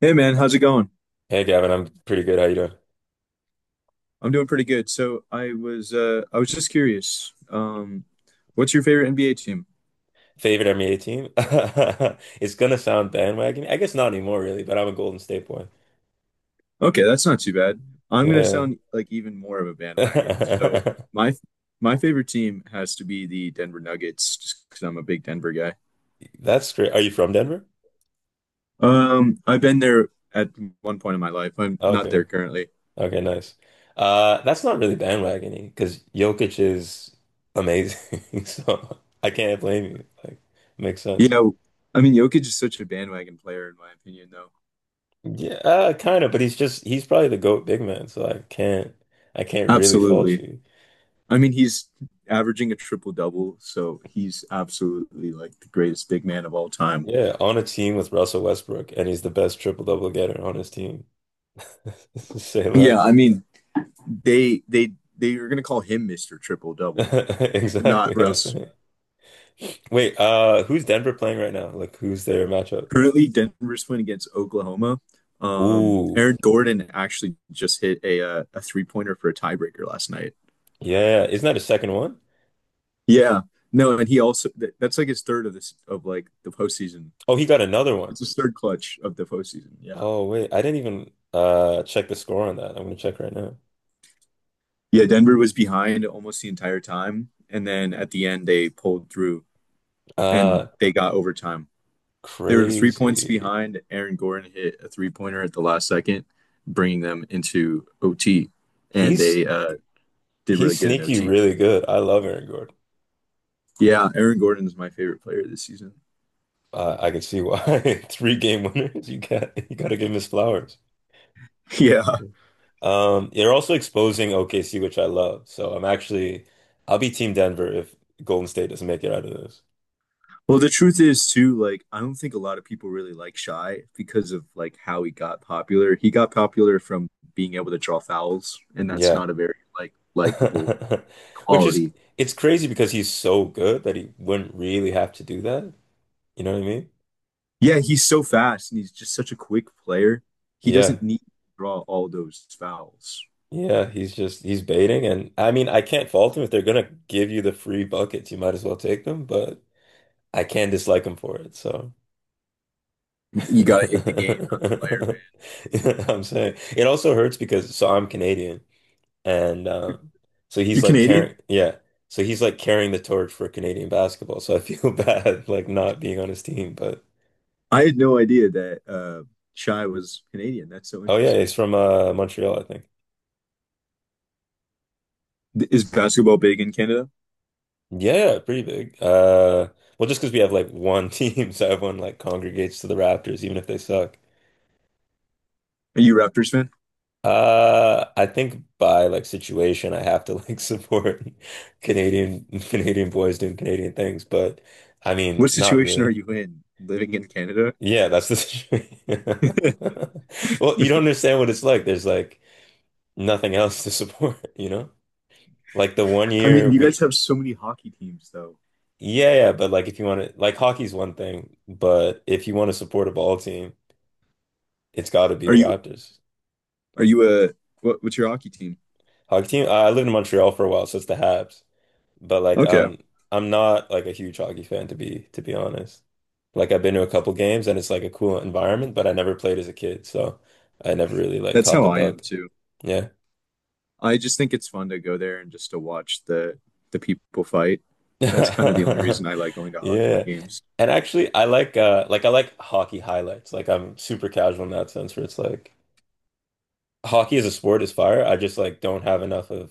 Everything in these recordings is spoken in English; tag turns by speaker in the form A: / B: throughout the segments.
A: Hey man, how's it going?
B: Hey Gavin, I'm pretty good. How you doing?
A: I'm doing pretty good. So I was just curious. What's your favorite NBA team?
B: Favorite NBA team? It's gonna sound bandwagon. I guess not anymore, really, but I'm a Golden State boy.
A: Okay, that's not too bad. I'm gonna
B: Yeah.
A: sound like even more of a bandwagon. So my my favorite team has to be the Denver Nuggets, just because I'm a big Denver guy.
B: That's great. Are you from Denver?
A: I've been there at one point in my life. I'm not there
B: Okay.
A: currently.
B: Okay, nice. That's not really bandwagoning because Jokic is amazing. So I can't blame you. Like, makes sense.
A: Yeah, I mean Jokic is such a bandwagon player in my opinion though.
B: Yeah, kind of, but he's probably the GOAT big man, so I can't really fault
A: Absolutely.
B: you.
A: I mean, he's averaging a triple double, so he's absolutely like the greatest big man of all time.
B: Yeah, on a team with Russell Westbrook, and he's the best triple-double getter on his team. Say
A: Yeah, I
B: less.
A: mean, they are gonna call him Mister Triple Double,
B: Exactly
A: not
B: what I'm
A: Russ.
B: saying. Wait, who's Denver playing right now? Like, who's their matchup?
A: Currently, Denver's playing against Oklahoma.
B: Ooh,
A: Aaron Gordon actually just hit a three pointer for a tiebreaker last night.
B: yeah. Isn't that a second one?
A: Yeah, no, and he also that's like his third of this of like the postseason.
B: Oh, he got another one.
A: It's his third clutch of the postseason. Yeah.
B: Oh, wait. I didn't even check the score on that. I'm gonna check right now.
A: Yeah, Denver was behind almost the entire time, and then at the end they pulled through and
B: Uh,
A: they got overtime. They were 3 points
B: Crazy.
A: behind. Aaron Gordon hit a three-pointer at the last second, bringing them into OT, and
B: He's
A: they did really
B: he's
A: good in
B: sneaky
A: OT.
B: really good. I love Aaron Gordon.
A: Yeah, Aaron Gordon is my favorite player this season.
B: I can see why. Three game winners. You gotta give him his flowers.
A: Yeah.
B: They're also exposing OKC, which I love. So I'm actually, I'll be Team Denver if Golden State doesn't make it out of this.
A: Well, the truth is too, like I don't think a lot of people really like Shy because of like how he got popular. He got popular from being able to draw fouls, and that's
B: Yeah.
A: not a very like likable
B: Which is,
A: quality.
B: it's crazy because he's so good that he wouldn't really have to do that. You know what I mean?
A: Yeah, he's so fast and he's just such a quick player. He
B: Yeah.
A: doesn't need to draw all those fouls.
B: Yeah. He's just, he's baiting. And I mean, I can't fault him if they're going to give you the free buckets. You might as well take them, but I can dislike him for it. So.
A: You got to hit the game, not the player, man.
B: I'm saying it also hurts because so I'm Canadian. And so he's
A: You're
B: like
A: Canadian?
B: carrying, yeah. So he's like carrying the torch for Canadian basketball. So I feel bad like not being on his team. But
A: I had no idea that Shy was Canadian. That's so
B: oh yeah,
A: interesting.
B: he's from Montreal, I think.
A: Is basketball big in Canada?
B: Yeah, pretty big. Well, just because we have like one team, so everyone like congregates to the Raptors, even if they suck.
A: Are you a Raptors fan?
B: I think by like situation, I have to like support Canadian boys doing Canadian things, but I mean,
A: What
B: not
A: situation are
B: really.
A: you in living in Canada?
B: Yeah, that's the situation. Well, you don't understand what it's like. There's like nothing else to support, you know? Like the one
A: I mean,
B: year
A: you guys
B: we,
A: have so many hockey teams, though.
B: yeah, yeah, but like if you want to, like hockey's one thing, but if you want to support a ball team, it's got to be
A: Are
B: the
A: you
B: Raptors.
A: are you a what's your hockey team?
B: Hockey team, I lived in Montreal for a while, so it's the Habs. But like
A: Okay,
B: I'm not like a huge hockey fan to be honest. Like I've been to a couple games and it's like a cool environment, but I never played as a kid, so I never really like
A: that's
B: caught
A: how
B: the
A: I am
B: bug.
A: too.
B: Yeah.
A: I just think it's fun to go there and just to watch the people fight. That's kind of the only reason I like going to hockey
B: Yeah.
A: games.
B: And actually I like I like hockey highlights. Like I'm super casual in that sense where it's like hockey as a sport is fire. I just like don't have enough of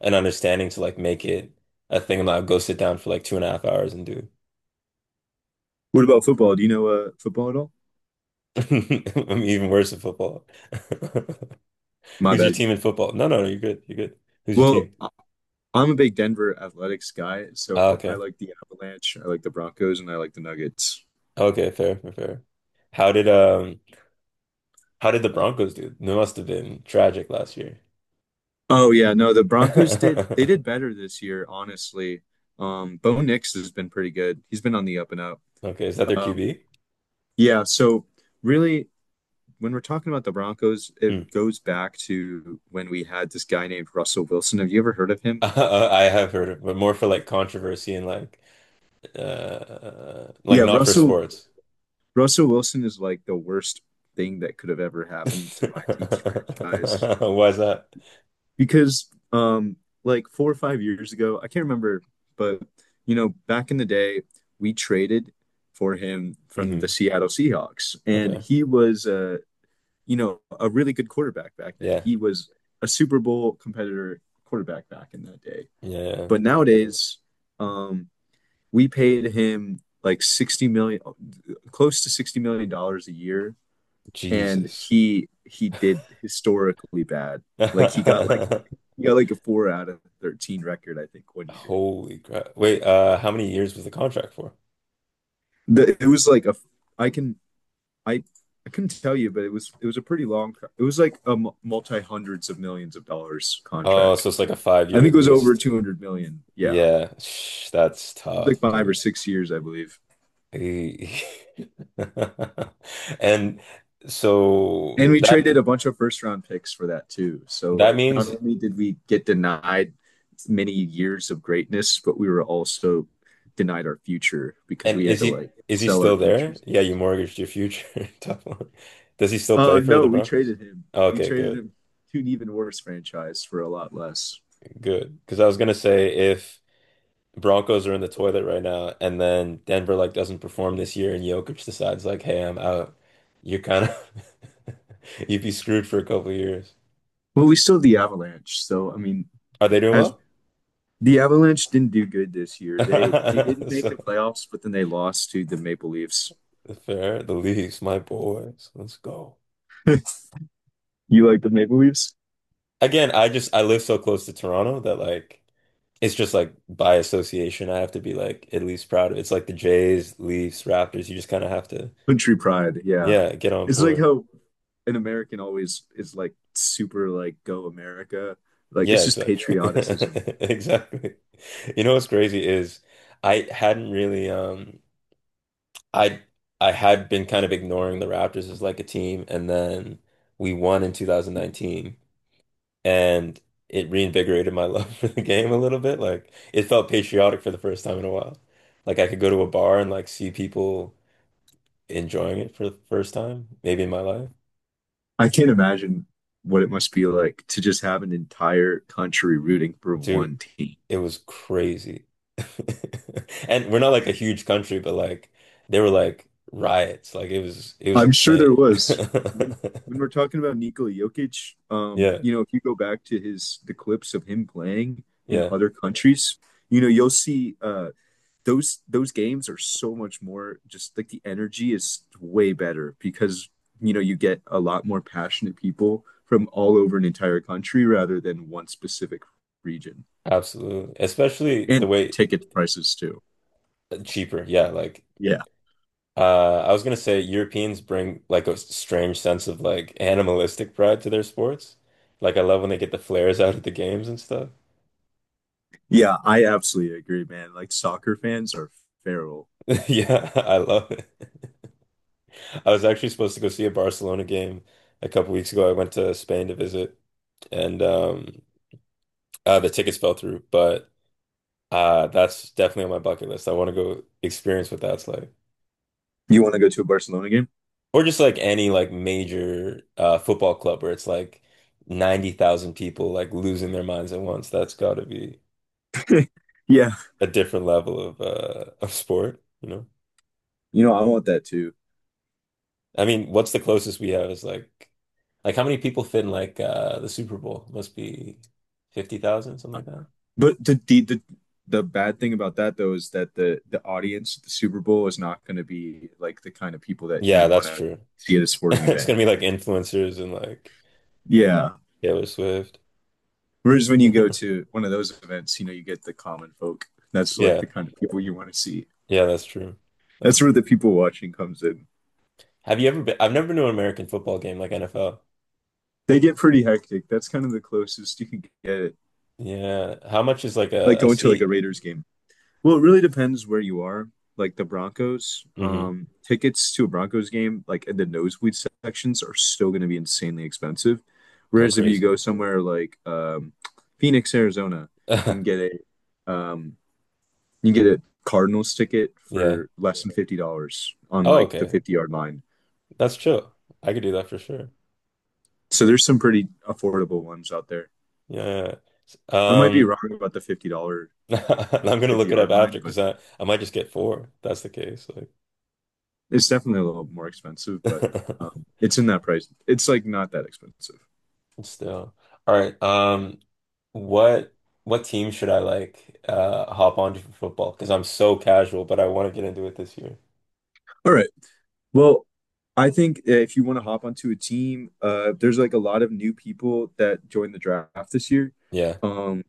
B: an understanding to like make it a thing I'm like go sit down for like 2.5 hours and do.
A: What about football? Do you know football at all?
B: I'm even worse at football.
A: My
B: Who's your
A: bad.
B: team in football? No, no, no, you're good. You're good. Who's your
A: Well,
B: team?
A: I'm a big Denver Athletics guy,
B: Ah,
A: so I
B: okay.
A: like the Avalanche, I like the Broncos, and I like the Nuggets.
B: Okay, fair, fair, fair. How did um how did the Broncos do? It must have been tragic last year.
A: Oh yeah, no, they did better this year, honestly. Bo Nix has been pretty good. He's been on the up and up.
B: Okay, is that their
A: Um,
B: QB?
A: yeah, so really when we're talking about the Broncos, it
B: Hmm.
A: goes back to when we had this guy named Russell Wilson. Have you ever heard of him?
B: I have heard of, but more for like controversy and like
A: Yeah,
B: not for
A: Russell
B: sports.
A: Russell Wilson is like the worst thing that could have ever
B: Why
A: happened
B: is
A: to my team's franchise
B: that?
A: because um like 4 or 5 years ago, I can't remember, but you know, back in the day, we traded for him from the
B: Hmm.
A: Seattle Seahawks and
B: Okay.
A: he was you know, a really good quarterback back then.
B: Yeah.
A: He was a Super Bowl competitor quarterback back in that day.
B: Yeah. Yeah.
A: But nowadays, um, we paid him like 60 million, close to 60 million dollars a year, and
B: Jesus.
A: he did historically bad. Like he got like he got like a four out of 13 record, I think, one year.
B: Holy crap. Wait, how many years was the contract for?
A: The, it was like a I can I I couldn't tell you, but it was a pretty long. It was like a multi hundreds of millions of dollars
B: Oh, so
A: contract.
B: it's like a five
A: I
B: year
A: think
B: at
A: it was over
B: least.
A: 200 million. Yeah, it
B: Yeah, Shh, that's
A: was like
B: tough,
A: five or
B: dude.
A: six years, I believe.
B: Eh. And so
A: And we
B: that
A: traded a bunch of first round picks for that too. So
B: that
A: like not
B: means.
A: only did we get denied many years of greatness, but we were also denied our future because
B: And
A: we had
B: is
A: to
B: he
A: like
B: is he
A: sell our
B: still
A: future
B: there?
A: savings.
B: Yeah, you mortgaged your future. Tough one. Does he still play for
A: No,
B: the
A: we
B: Broncos?
A: traded him. We
B: Okay,
A: traded
B: good,
A: him to an even worse franchise for a lot less.
B: good. Because I was gonna say if Broncos are in the toilet right now, and then Denver like doesn't perform this year, and Jokic decides like, hey, I'm out, you're kind of you'd be screwed for a couple years.
A: Well, we still have the Avalanche. So I mean,
B: Are they doing
A: as
B: well?
A: the Avalanche didn't do good this year. They didn't make the playoffs, but then they lost to the Maple Leafs.
B: So fair, the Leafs, my boys. Let's go.
A: You like the Maple Leafs?
B: Again, I live so close to Toronto that like. It's just like by association, I have to be like at least proud of it. It's like the Jays, Leafs, Raptors. You just kind of have to,
A: Country pride, yeah.
B: yeah, get on
A: It's like
B: board.
A: how an American always is like super like go America. Like
B: Yeah,
A: it's just
B: exactly.
A: patrioticism.
B: Exactly. You know what's crazy is I hadn't really I I had been kind of ignoring the Raptors as like a team and then we won in 2019 and it reinvigorated my love for the game a little bit. Like it felt patriotic for the first time in a while. Like I could go to a bar and like see people enjoying it for the first time, maybe in my life.
A: I can't imagine what it must be like to just have an entire country rooting for
B: Dude,
A: one team.
B: it was crazy. And we're not like a huge country, but like there were like riots. Like it was
A: I'm sure there
B: insane.
A: was. When when we're talking about Nikola Jokic,
B: Yeah,
A: you know, if you go back to his the clips of him playing in
B: yeah,
A: other countries, you know, you'll see those games are so much more just like the energy is way better because you know you get a lot more passionate people from all over an entire country rather than one specific region,
B: absolutely. Especially the
A: and
B: way
A: ticket prices too.
B: cheaper. Yeah, like
A: Yeah,
B: I was gonna say Europeans bring like a strange sense of like animalistic pride to their sports. Like I love when they get the flares out at the games and stuff.
A: yeah, I absolutely agree man, like soccer fans are feral.
B: Yeah, I love it. I was actually supposed to go see a Barcelona game a couple weeks ago. I went to Spain to visit, and the tickets fell through. But that's definitely on my bucket list. I want to go experience what that's like,
A: You want to go to a Barcelona game?
B: or just like any like major football club where it's like 90,000 people like losing their minds at once. That's got to be
A: Yeah,
B: a different level of of sport, you know?
A: you know, I want that too.
B: I mean, what's the closest we have is like how many people fit in like the Super Bowl? Must be 50,000, something like.
A: But the bad thing about that though is that the audience at the Super Bowl is not going to be like the kind of people that you
B: Yeah,
A: want
B: that's
A: to
B: true.
A: see at a sporting
B: It's
A: event.
B: gonna be like influencers and like
A: Yeah.
B: Taylor Swift.
A: Whereas when you go to one of those events, you know, you get the common folk. That's like
B: Yeah,
A: the kind of people you want to see.
B: yeah, that's true. That's
A: That's where
B: true.
A: the people watching comes in.
B: Have you ever been? I've never been to an American football game like NFL.
A: They get pretty hectic. That's kind of the closest you can get.
B: Yeah. How much is like
A: Like
B: a
A: going to like a
B: seat?
A: Raiders game. Well, it really depends where you are. Like the Broncos,
B: Hmm.
A: tickets to a Broncos game, like in the nosebleed sections, are still going to be insanely expensive.
B: Oh,
A: Whereas if you
B: crazy.
A: go somewhere like Phoenix, Arizona, you can get a um, you can get a Cardinals ticket
B: Yeah.
A: for less than $50 on
B: Oh,
A: like the
B: okay.
A: 50 yard line.
B: That's chill. I could do that for sure.
A: So there's some pretty affordable ones out there.
B: Yeah.
A: I might be
B: Um.
A: wrong about the $50
B: I'm gonna
A: fifty
B: look it up
A: yard line,
B: after
A: but
B: because I might just get four. If that's the case. Like,
A: it's definitely a little more expensive, but it's in that price. It's like not that expensive.
B: still. All right. What what team should I like hop onto for football? Because I'm so casual, but I want to get into it this year.
A: All right. Well, I think if you want to hop onto a team, there's like a lot of new people that joined the draft this year.
B: Yeah.
A: Um,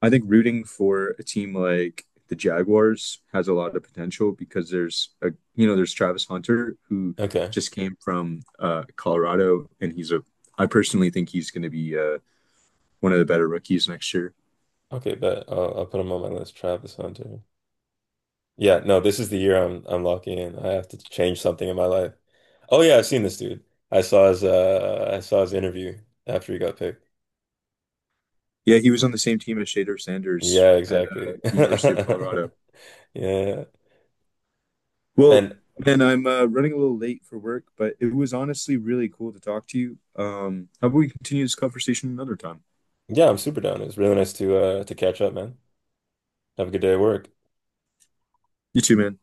A: I think rooting for a team like the Jaguars has a lot of potential because there's a you know there's Travis Hunter who
B: Okay.
A: just came from Colorado and he's a I personally think he's going to be one of the better rookies next year.
B: Okay, but I'll put him on my list. Travis Hunter. Yeah, no, this is the year I'm locking in. I have to change something in my life. Oh yeah, I've seen this dude. I saw his interview after he got picked.
A: Yeah, he was on the same team as Shader Sanders
B: Yeah,
A: at
B: exactly.
A: the University of Colorado.
B: Yeah.
A: Well,
B: And
A: man, I'm running a little late for work, but it was honestly really cool to talk to you. How about we continue this conversation another time?
B: yeah, I'm super down. It was really nice to catch up, man. Have a good day at work.
A: You too, man.